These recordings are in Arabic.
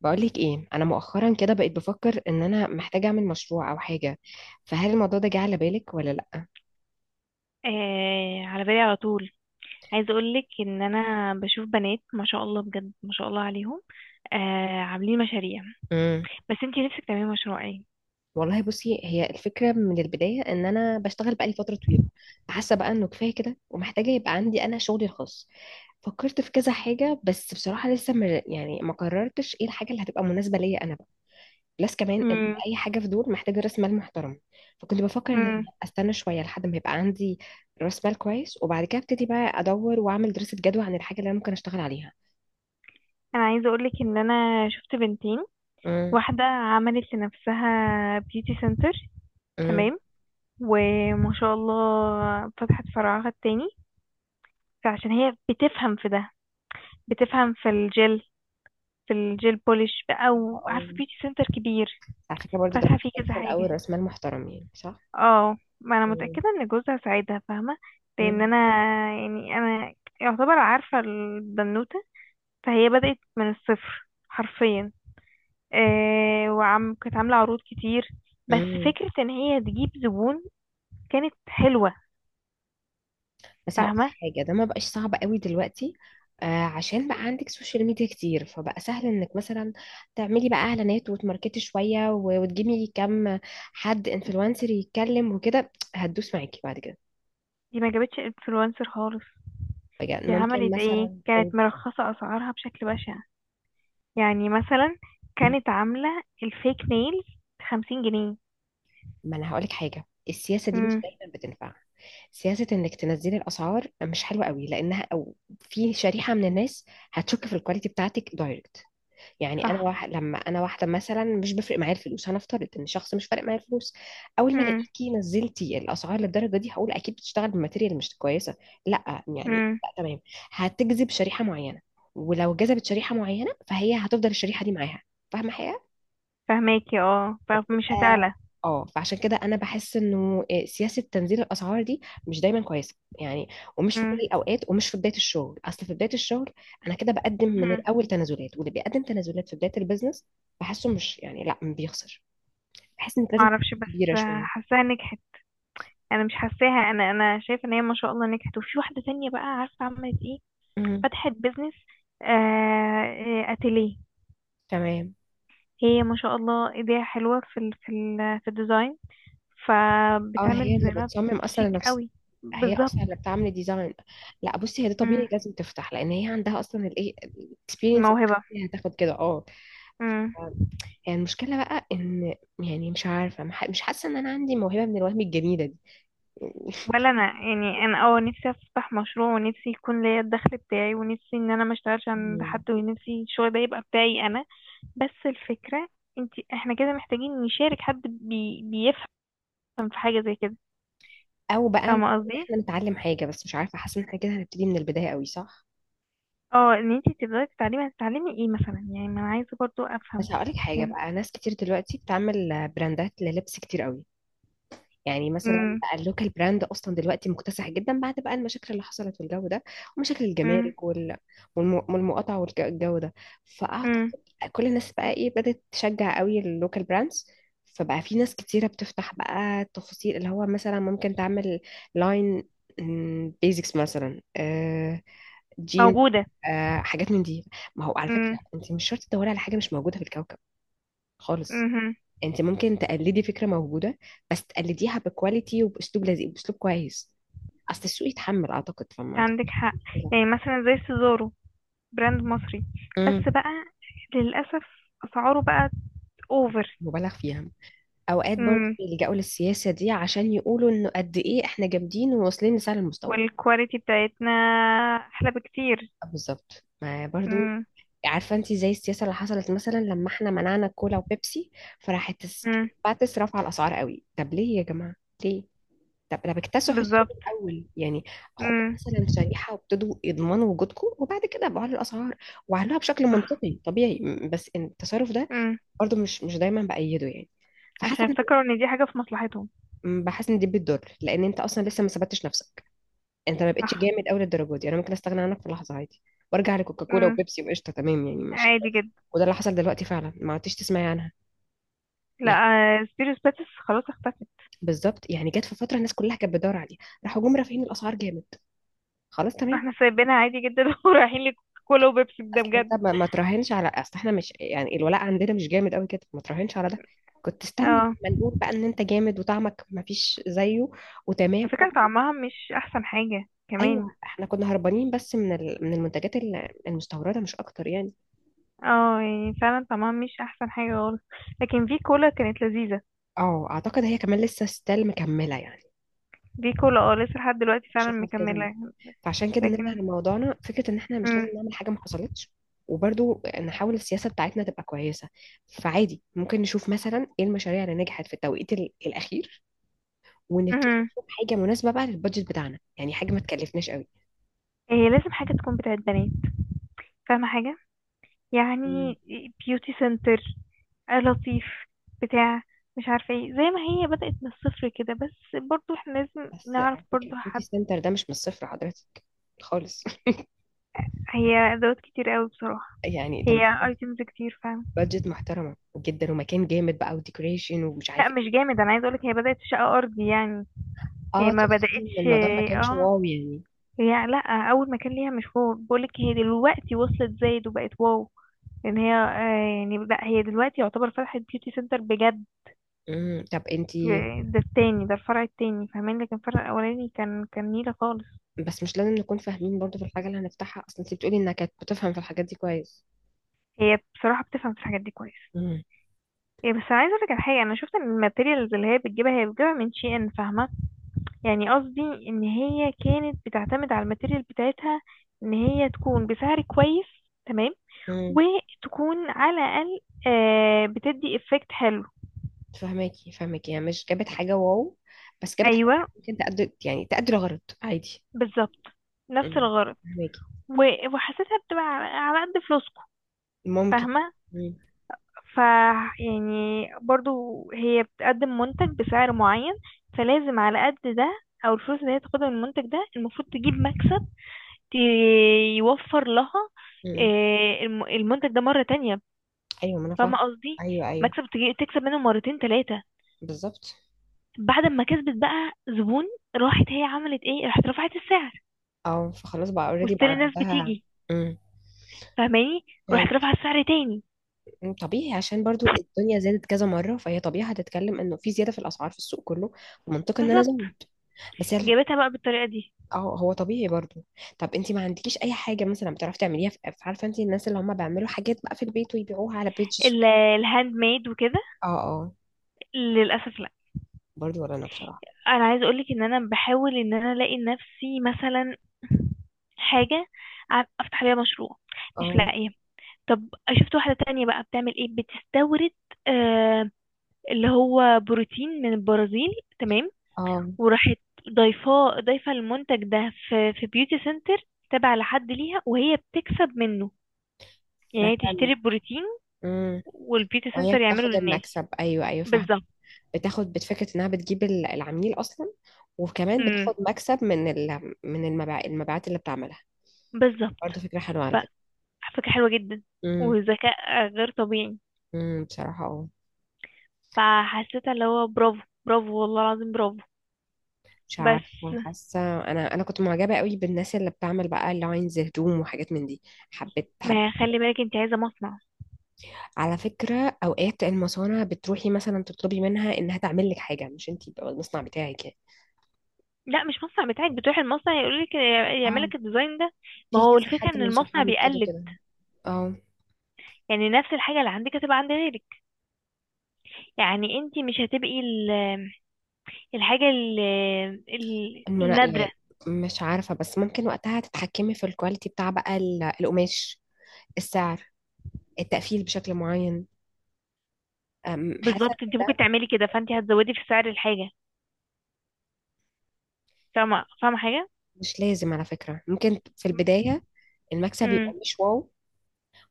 بقولك ايه، انا مؤخرا كده بقيت بفكر ان انا محتاجه اعمل مشروع او حاجه. فهل الموضوع ده جه على بالك ولا لا؟ آه، على بالي على طول. عايزه اقول لك ان انا بشوف بنات، ما شاء الله، بجد ما شاء الله عليهم. آه، عاملين مشاريع. امم. بس انتي نفسك تعملي مشروع ايه؟ والله بصي، هي الفكره من البدايه ان انا بشتغل بقالي فتره طويله، فحاسه بقى انه كفايه كده ومحتاجه يبقى عندي انا شغلي الخاص. فكرت في كذا حاجه، بس بصراحه لسه يعني ما قررتش ايه الحاجه اللي هتبقى مناسبه ليا انا بقى. بلس كمان ان امم اي حاجه في دول محتاجه راس مال محترم. فكنت بفكر ان أنا امم استنى شويه لحد ما يبقى عندي راس مال كويس، وبعد كده ابتدي بقى ادور واعمل دراسه جدوى عن الحاجه اللي انا ممكن اشتغل عليها. انا عايزه اقول لك ان انا شفت بنتين. امم. واحده عملت لنفسها بيوتي سنتر، امم. تمام، وما شاء الله فتحت فرعها التاني. فعشان هي بتفهم في ده، بتفهم في الجل في الجيل بوليش بقى، آه، وعارفه بيوتي سنتر كبير على فكره برضو ده فاتحه فيه محتاج كذا في حاجه. الاول راس مال محترم، يعني صح؟ اه، ما انا مم. متأكدة ان جوزها ساعدها، فاهمة. لان انا، يعني انا، يعتبر عارفة البنوتة. فهي بدأت من الصفر حرفيا. آه، وعم كانت عاملة عروض كتير، بس امم. فكرة ان هي تجيب زبون كانت حلوة، بس هقول فاهمة. حاجة، ده ما بقاش صعب قوي دلوقتي. آه، عشان بقى عندك سوشيال ميديا كتير فبقى سهل انك مثلا تعملي بقى اعلانات وتماركتي شوية وتجيبي كم حد انفلونسر يتكلم وكده هتدوس معاكي بعد كده. دي ما جابتش انفلونسر خالص. بجد دي ممكن عملت ايه، مثلا كانت أقول. مرخصة اسعارها بشكل بشع. يعني مثلا مم. كانت عاملة الفيك نيلز بـ50 جنيه. ما انا هقولك حاجة، السياسة دي مش امم. دايما بتنفع. سياسة انك تنزلي الاسعار مش حلوة قوي، لانها، او في شريحة من الناس هتشك في الكواليتي بتاعتك دايركت. يعني صح. انا واحده مثلا مش بفرق معايا الفلوس، هنفترض ان شخص مش فارق معايا الفلوس. اول ما الاقيكي نزلتي الاسعار للدرجه دي هقول اكيد بتشتغل بماتيريال مش كويسه. لا يعني امم لا، تمام. هتجذب شريحه معينه، ولو جذبت شريحه معينه فهي هتفضل الشريحه دي معاها. فاهمه حاجه؟ فهماكي. اه، فمش اه. هتعلى. آه، فعشان كده انا بحس انه سياسه تنزيل الاسعار دي مش دايما كويسه يعني. ومش في كل مم. الاوقات ومش في بدايه الشغل، اصل في بدايه الشغل انا كده بقدم من مهم. الاول تنازلات، واللي بيقدم تنازلات في بدايه البيزنس بحسه مش يعني لا بيخسر. بحس انك لازم معرفش، تكون بس كبيره شويه. حاساها نجحت. انا مش حاساها، انا شايفه ان هي ما شاء الله نجحت. وفي واحده تانية بقى، عارفه عملت ايه؟ امم. فتحت بيزنس، اتيليه. تمام. هي ما شاء الله ايديها حلوه في الديزاين. اه، فبتعمل هي اللي ديزاينات بتصمم اصلا شيك نفسها. قوي. هي بالظبط. اصلا اللي بتعمل ديزاين. لا بصي، هي ده مم. طبيعي لازم تفتح لان هي عندها اصلا الاكسبيرينس. موهبه. هتاخد كده، اه. مم. يعني المشكلة بقى إن، يعني مش عارفة مش حاسة إن أنا عندي موهبة من الوهم الجميلة دي. ولا انا، يعني انا، نفسي افتح مشروع، ونفسي يكون ليا الدخل بتاعي، ونفسي ان انا ما اشتغلش عند مم. حد، ونفسي الشغل ده يبقى بتاعي انا. بس الفكرة، احنا كده محتاجين نشارك حد بيفهم في حاجة زي كده. أو بقى إن فاهمة قصدي؟ إحنا نتعلم حاجة، بس مش عارفة حاسة إن إحنا كده هنبتدي من البداية قوي، صح؟ اه، ان انت تبدأي تتعلمي، هتتعلمي ايه مثلا؟ يعني ما انا عايزة برضو افهم. بس هقولك حاجة يعني. بقى، ناس كتير دلوقتي بتعمل براندات للبس كتير قوي. يعني مثلا امم. بقى اللوكال براند اصلا دلوقتي مكتسح جدا، بعد بقى المشاكل اللي حصلت والجو ده. ومشاكل امم. الجمارك والمقاطعه والجو ده. امم. فاعتقد كل الناس بقى بدات تشجع قوي اللوكال براندز. فبقى في ناس كتيره بتفتح بقى تفاصيل اللي هو مثلا ممكن تعمل لاين بيزكس مثلا، جين، موجودة. حاجات من دي. ما هو على فكره، امم. انت مش شرط تدوري على حاجه مش موجوده في الكوكب خالص. امم. انت ممكن تقلدي فكره موجوده، بس تقلديها بكواليتي وباسلوب لذيذ، باسلوب كويس. اصل السوق يتحمل اعتقد، فما عندك اعتقدش حق. كده. يعني مثلا زي سيزارو، براند مصري، امم. بس بقى للأسف أسعاره بقت أوفر. مبالغ فيها. اوقات برضه امم. بيلجأوا للسياسه دي عشان يقولوا انه قد ايه احنا جامدين وواصلين لسعر المستورد. والكواليتي بتاعتنا أحلى بكتير. آه، بالظبط، ما برضه. امم. عارفه انت زي السياسه اللي حصلت مثلا لما احنا منعنا الكولا وبيبسي. فراحت امم. باتس رفع الاسعار قوي. طب ليه يا جماعه؟ ليه؟ طب ده بكتسحوا السوق بالظبط. الاول يعني. خدوا مثلا شريحه وابتدوا يضمنوا وجودكم، وبعد كده بعلوا الاسعار. وعلوها بشكل منطقي طبيعي، بس إن التصرف ده امم برضه مش دايما بايده يعني. عشان فحاسه يفتكروا ان دي حاجة في مصلحتهم. بحس ان دي بتضر، لان انت اصلا لسه ما ثبتتش نفسك. انت ما بقتش صح. جامد قوي للدرجه دي، انا ممكن استغنى عنك في لحظه عادي. وارجع لكوكاكولا امم. وبيبسي وقشطه. تمام يعني، مش. عادي جدا. وده اللي حصل دلوقتي فعلا، ما عدتش تسمعي عنها. لا، يعني. سبيروس باتس خلاص اختفت. بالظبط، يعني جت في فتره الناس كلها كانت بتدور عليها. راحوا جم رافعين الاسعار جامد. خلاص، تمام. احنا سايبينها عادي جدا ورايحين لكولا وبيبسي، ده اصل انت بجد. ما تراهنش على، اصل احنا مش يعني الولاء عندنا مش جامد قوي كده، ما تراهنش على ده. كنت استنى اه، لما نقول بقى ان انت جامد وطعمك ما فيش زيه. على وتمام. فكرة طعمها مش احسن حاجة كمان. ايوه، احنا كنا هربانين بس من المنتجات المستورده مش اكتر يعني. اه، يعني فعلا طعمها مش احسن حاجة خالص. لكن في كولا كانت لذيذة. اه، اعتقد هي كمان لسه ستيل مكمله يعني. في كولا، لسه لحد دلوقتي فعلا شفنا في كذا مكملة. مكان. فعشان كده نرجع لكن، لموضوعنا، فكره ان احنا مش امم لازم نعمل حاجه ما حصلتش. وبرضو نحاول السياسه بتاعتنا تبقى كويسه. فعادي ممكن نشوف مثلا ايه المشاريع اللي نجحت في التوقيت الاخير. ونتفق امم نشوف حاجة مناسبة بقى للبادجت بتاعنا، يعني حاجة ما تكلفناش قوي. هي لازم حاجة تكون بتاعت بنات، فاهمة حاجة؟ مم. يعني بيوتي سنتر، لطيف، بتاع، مش عارفة ايه، زي ما هي بدأت من الصفر كده، بس برضو احنا لازم بس نعرف على فكرة برضو بيوتي حد. سنتر ده مش من الصفر حضرتك، خالص هي ادوات كتير قوي بصراحة، يعني ده هي محتاج ايتمز كتير فعلا. بادجت محترمة جدا ومكان جامد بقى وديكوريشن ومش عارف لا، مش ايه. جامد، انا عايزة اقولك هي بدأت في شقة ارضي يعني. هي اه، ما تقصدي ان بدأتش. الموضوع ما كانش اه، واو يعني. هي لا، اول مكان ليها مش هو، بقولك هي دلوقتي وصلت زايد وبقت واو. لان هي، يعني لا، هي دلوقتي يعتبر فتحت بيوتي سنتر بجد. امم. طب انتي. ده التاني، ده الفرع التاني فاهماني، لكن الفرع الاولاني كان نيلة خالص. بس مش لازم نكون فاهمين برضو في الحاجة اللي هنفتحها، اصل انتي بتقولي انك كانت بتفهم في الحاجات دي كويس. هي بصراحة بتفهم في الحاجات دي كويس. امم. بس انا عايزه اقولك على حاجه، انا شفت ان الماتيريالز اللي هي بتجيبها، هي بتجيبها من شي ان، فاهمه. يعني قصدي ان هي كانت بتعتمد على الماتيريال بتاعتها، ان هي تكون بسعر كويس، تمام، امم. وتكون على الاقل بتدي افكت حلو. فهماكي، يعني مش جابت حاجة واو بس جابت حاجة. ايوه، ممكن تقدر، يعني تقدر غلط عادي. بالظبط، نفس امم. الغرض. وحسيتها بتبقى على على قد فلوسكم، ممكن. فاهمه. مم. ف يعني برضو، هي بتقدم منتج بسعر معين، فلازم على قد ده. او الفلوس اللي هي تاخدها من المنتج ده المفروض تجيب مكسب، ت- يوفر لها مم. المنتج ده مرة تانية. ايوه، ما انا فاهمة فاهمه. قصدي. ايوه، ايوه. مكسب تكسب منه مرتين تلاتة. بالظبط. بعد ما كسبت بقى زبون، راحت هي عملت ايه؟ راحت رفعت السعر. اه، فخلاص بقى اوريدي بقى وستيل الناس عندها. بتيجي، مم. فاهماني. فاهم. راحت رفعت السعر تاني. مم. طبيعي، عشان برضو الدنيا زادت كذا مره، فهي طبيعي هتتكلم انه في زياده في الاسعار في السوق كله. فمنطقي ان انا بالظبط، ازود. بس هي جابتها بقى بالطريقة دي. اه، هو طبيعي برضو. طب انت ما عندكيش اي حاجه مثلا بتعرفي تعمليها في عارفه انت الناس اللي هم بيعملوا حاجات بقى في البيت ويبيعوها على بيجز وكده. الهاند ميد وكده، اه. اه. للأسف. برضو، ولا انا بصراحه. انا عايزه اقولك ان انا بحاول ان انا الاقي لنفسي مثلا حاجه افتح عليها مشروع، مش اه. لاقيه. طب شفت واحده تانية بقى بتعمل ايه؟ بتستورد، آه، اللي هو بروتين من البرازيل، تمام. اه. وراحت ضايفه المنتج ده في بيوتي سنتر، تابع لحد ليها، وهي بتكسب منه. يعني هي فاهمة. تشتري البروتين امم. والبيوتي وهي سنتر يعمله بتاخد للناس. المكسب، ايوه، ايوه، فاهمة. بالظبط. بتاخد بفكرة انها بتجيب العميل اصلا. وكمان امم بتاخد مكسب من المبيعات اللي بتعملها. بالظبط. برضه فكرة حلوة، ف- على فكرة. فكره حلوه جدا، امم. وذكاء غير طبيعي. امم، بصراحة اه. فحسيت اللي هو برافو، برافو والله العظيم برافو. مش بس عارفة حاسة. انا كنت معجبة قوي بالناس اللي بتعمل بقى لاينز هدوم وحاجات من دي. حبيت حب. ما خلي بالك انت عايزه مصنع. على فكرة اوقات المصانع بتروحي مثلا تطلبي منها انها تعمل لك حاجة، مش انتي يبقى المصنع بتاعك يعني. لا، مش مصنع بتاعك، بتروح المصنع يقول لك يعمل اه. لك الديزاين ده. ما في هو كذا الفكره حد ان من المصنع صحابي ابتدوا بيقلد، كده. اه. يعني نفس الحاجه اللي عندك هتبقى عند غيرك. يعني انت مش هتبقي الحاجه النادره. يعني. مش عارفة بس ممكن وقتها تتحكمي في الكواليتي بتاع بقى القماش. السعر. التقفيل بشكل معين. حاسة بالظبط، إن انت ده ممكن تعملي ممكن-. كده، فانت هتزودي في سعر الحاجه، فاهمه حاجه. مش لازم على فكرة، ممكن في البداية المكسب يبقى امم. مش واو.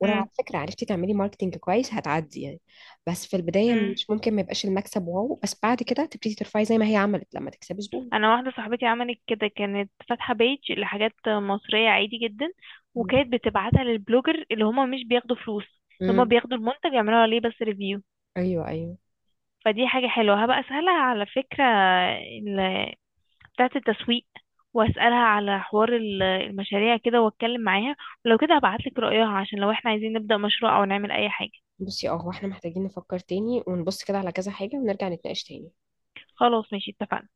ولو على فكرة عرفتي تعملي ماركتينج كويس هتعدي يعني. بس في البداية امم. مش ممكن ما يبقاش المكسب واو، بس بعد كده تبتدي ترفعي زي ما هي عملت لما تكسبي زبون. انا واحده صاحبتي عملت كده، كانت فاتحه بيج لحاجات مصريه عادي جدا، وكانت بتبعتها للبلوجر اللي هما مش بياخدوا فلوس، اللي هما امم. بياخدوا المنتج يعملوا عليه بس ريفيو. ايوه، ايوه. فدي حاجه حلوه، هبقى اسالها على فكره، ال- بتاعه التسويق، واسالها على حوار المشاريع كده، واتكلم معاها. ولو كده هبعتلك رايها، عشان لو احنا عايزين نبدا مشروع او نعمل اي حاجه. بصي، اه، هو احنا محتاجين نفكر تاني ونبص كده على كذا حاجة ونرجع نتناقش تاني. خلاص، ماشي، اتفقنا.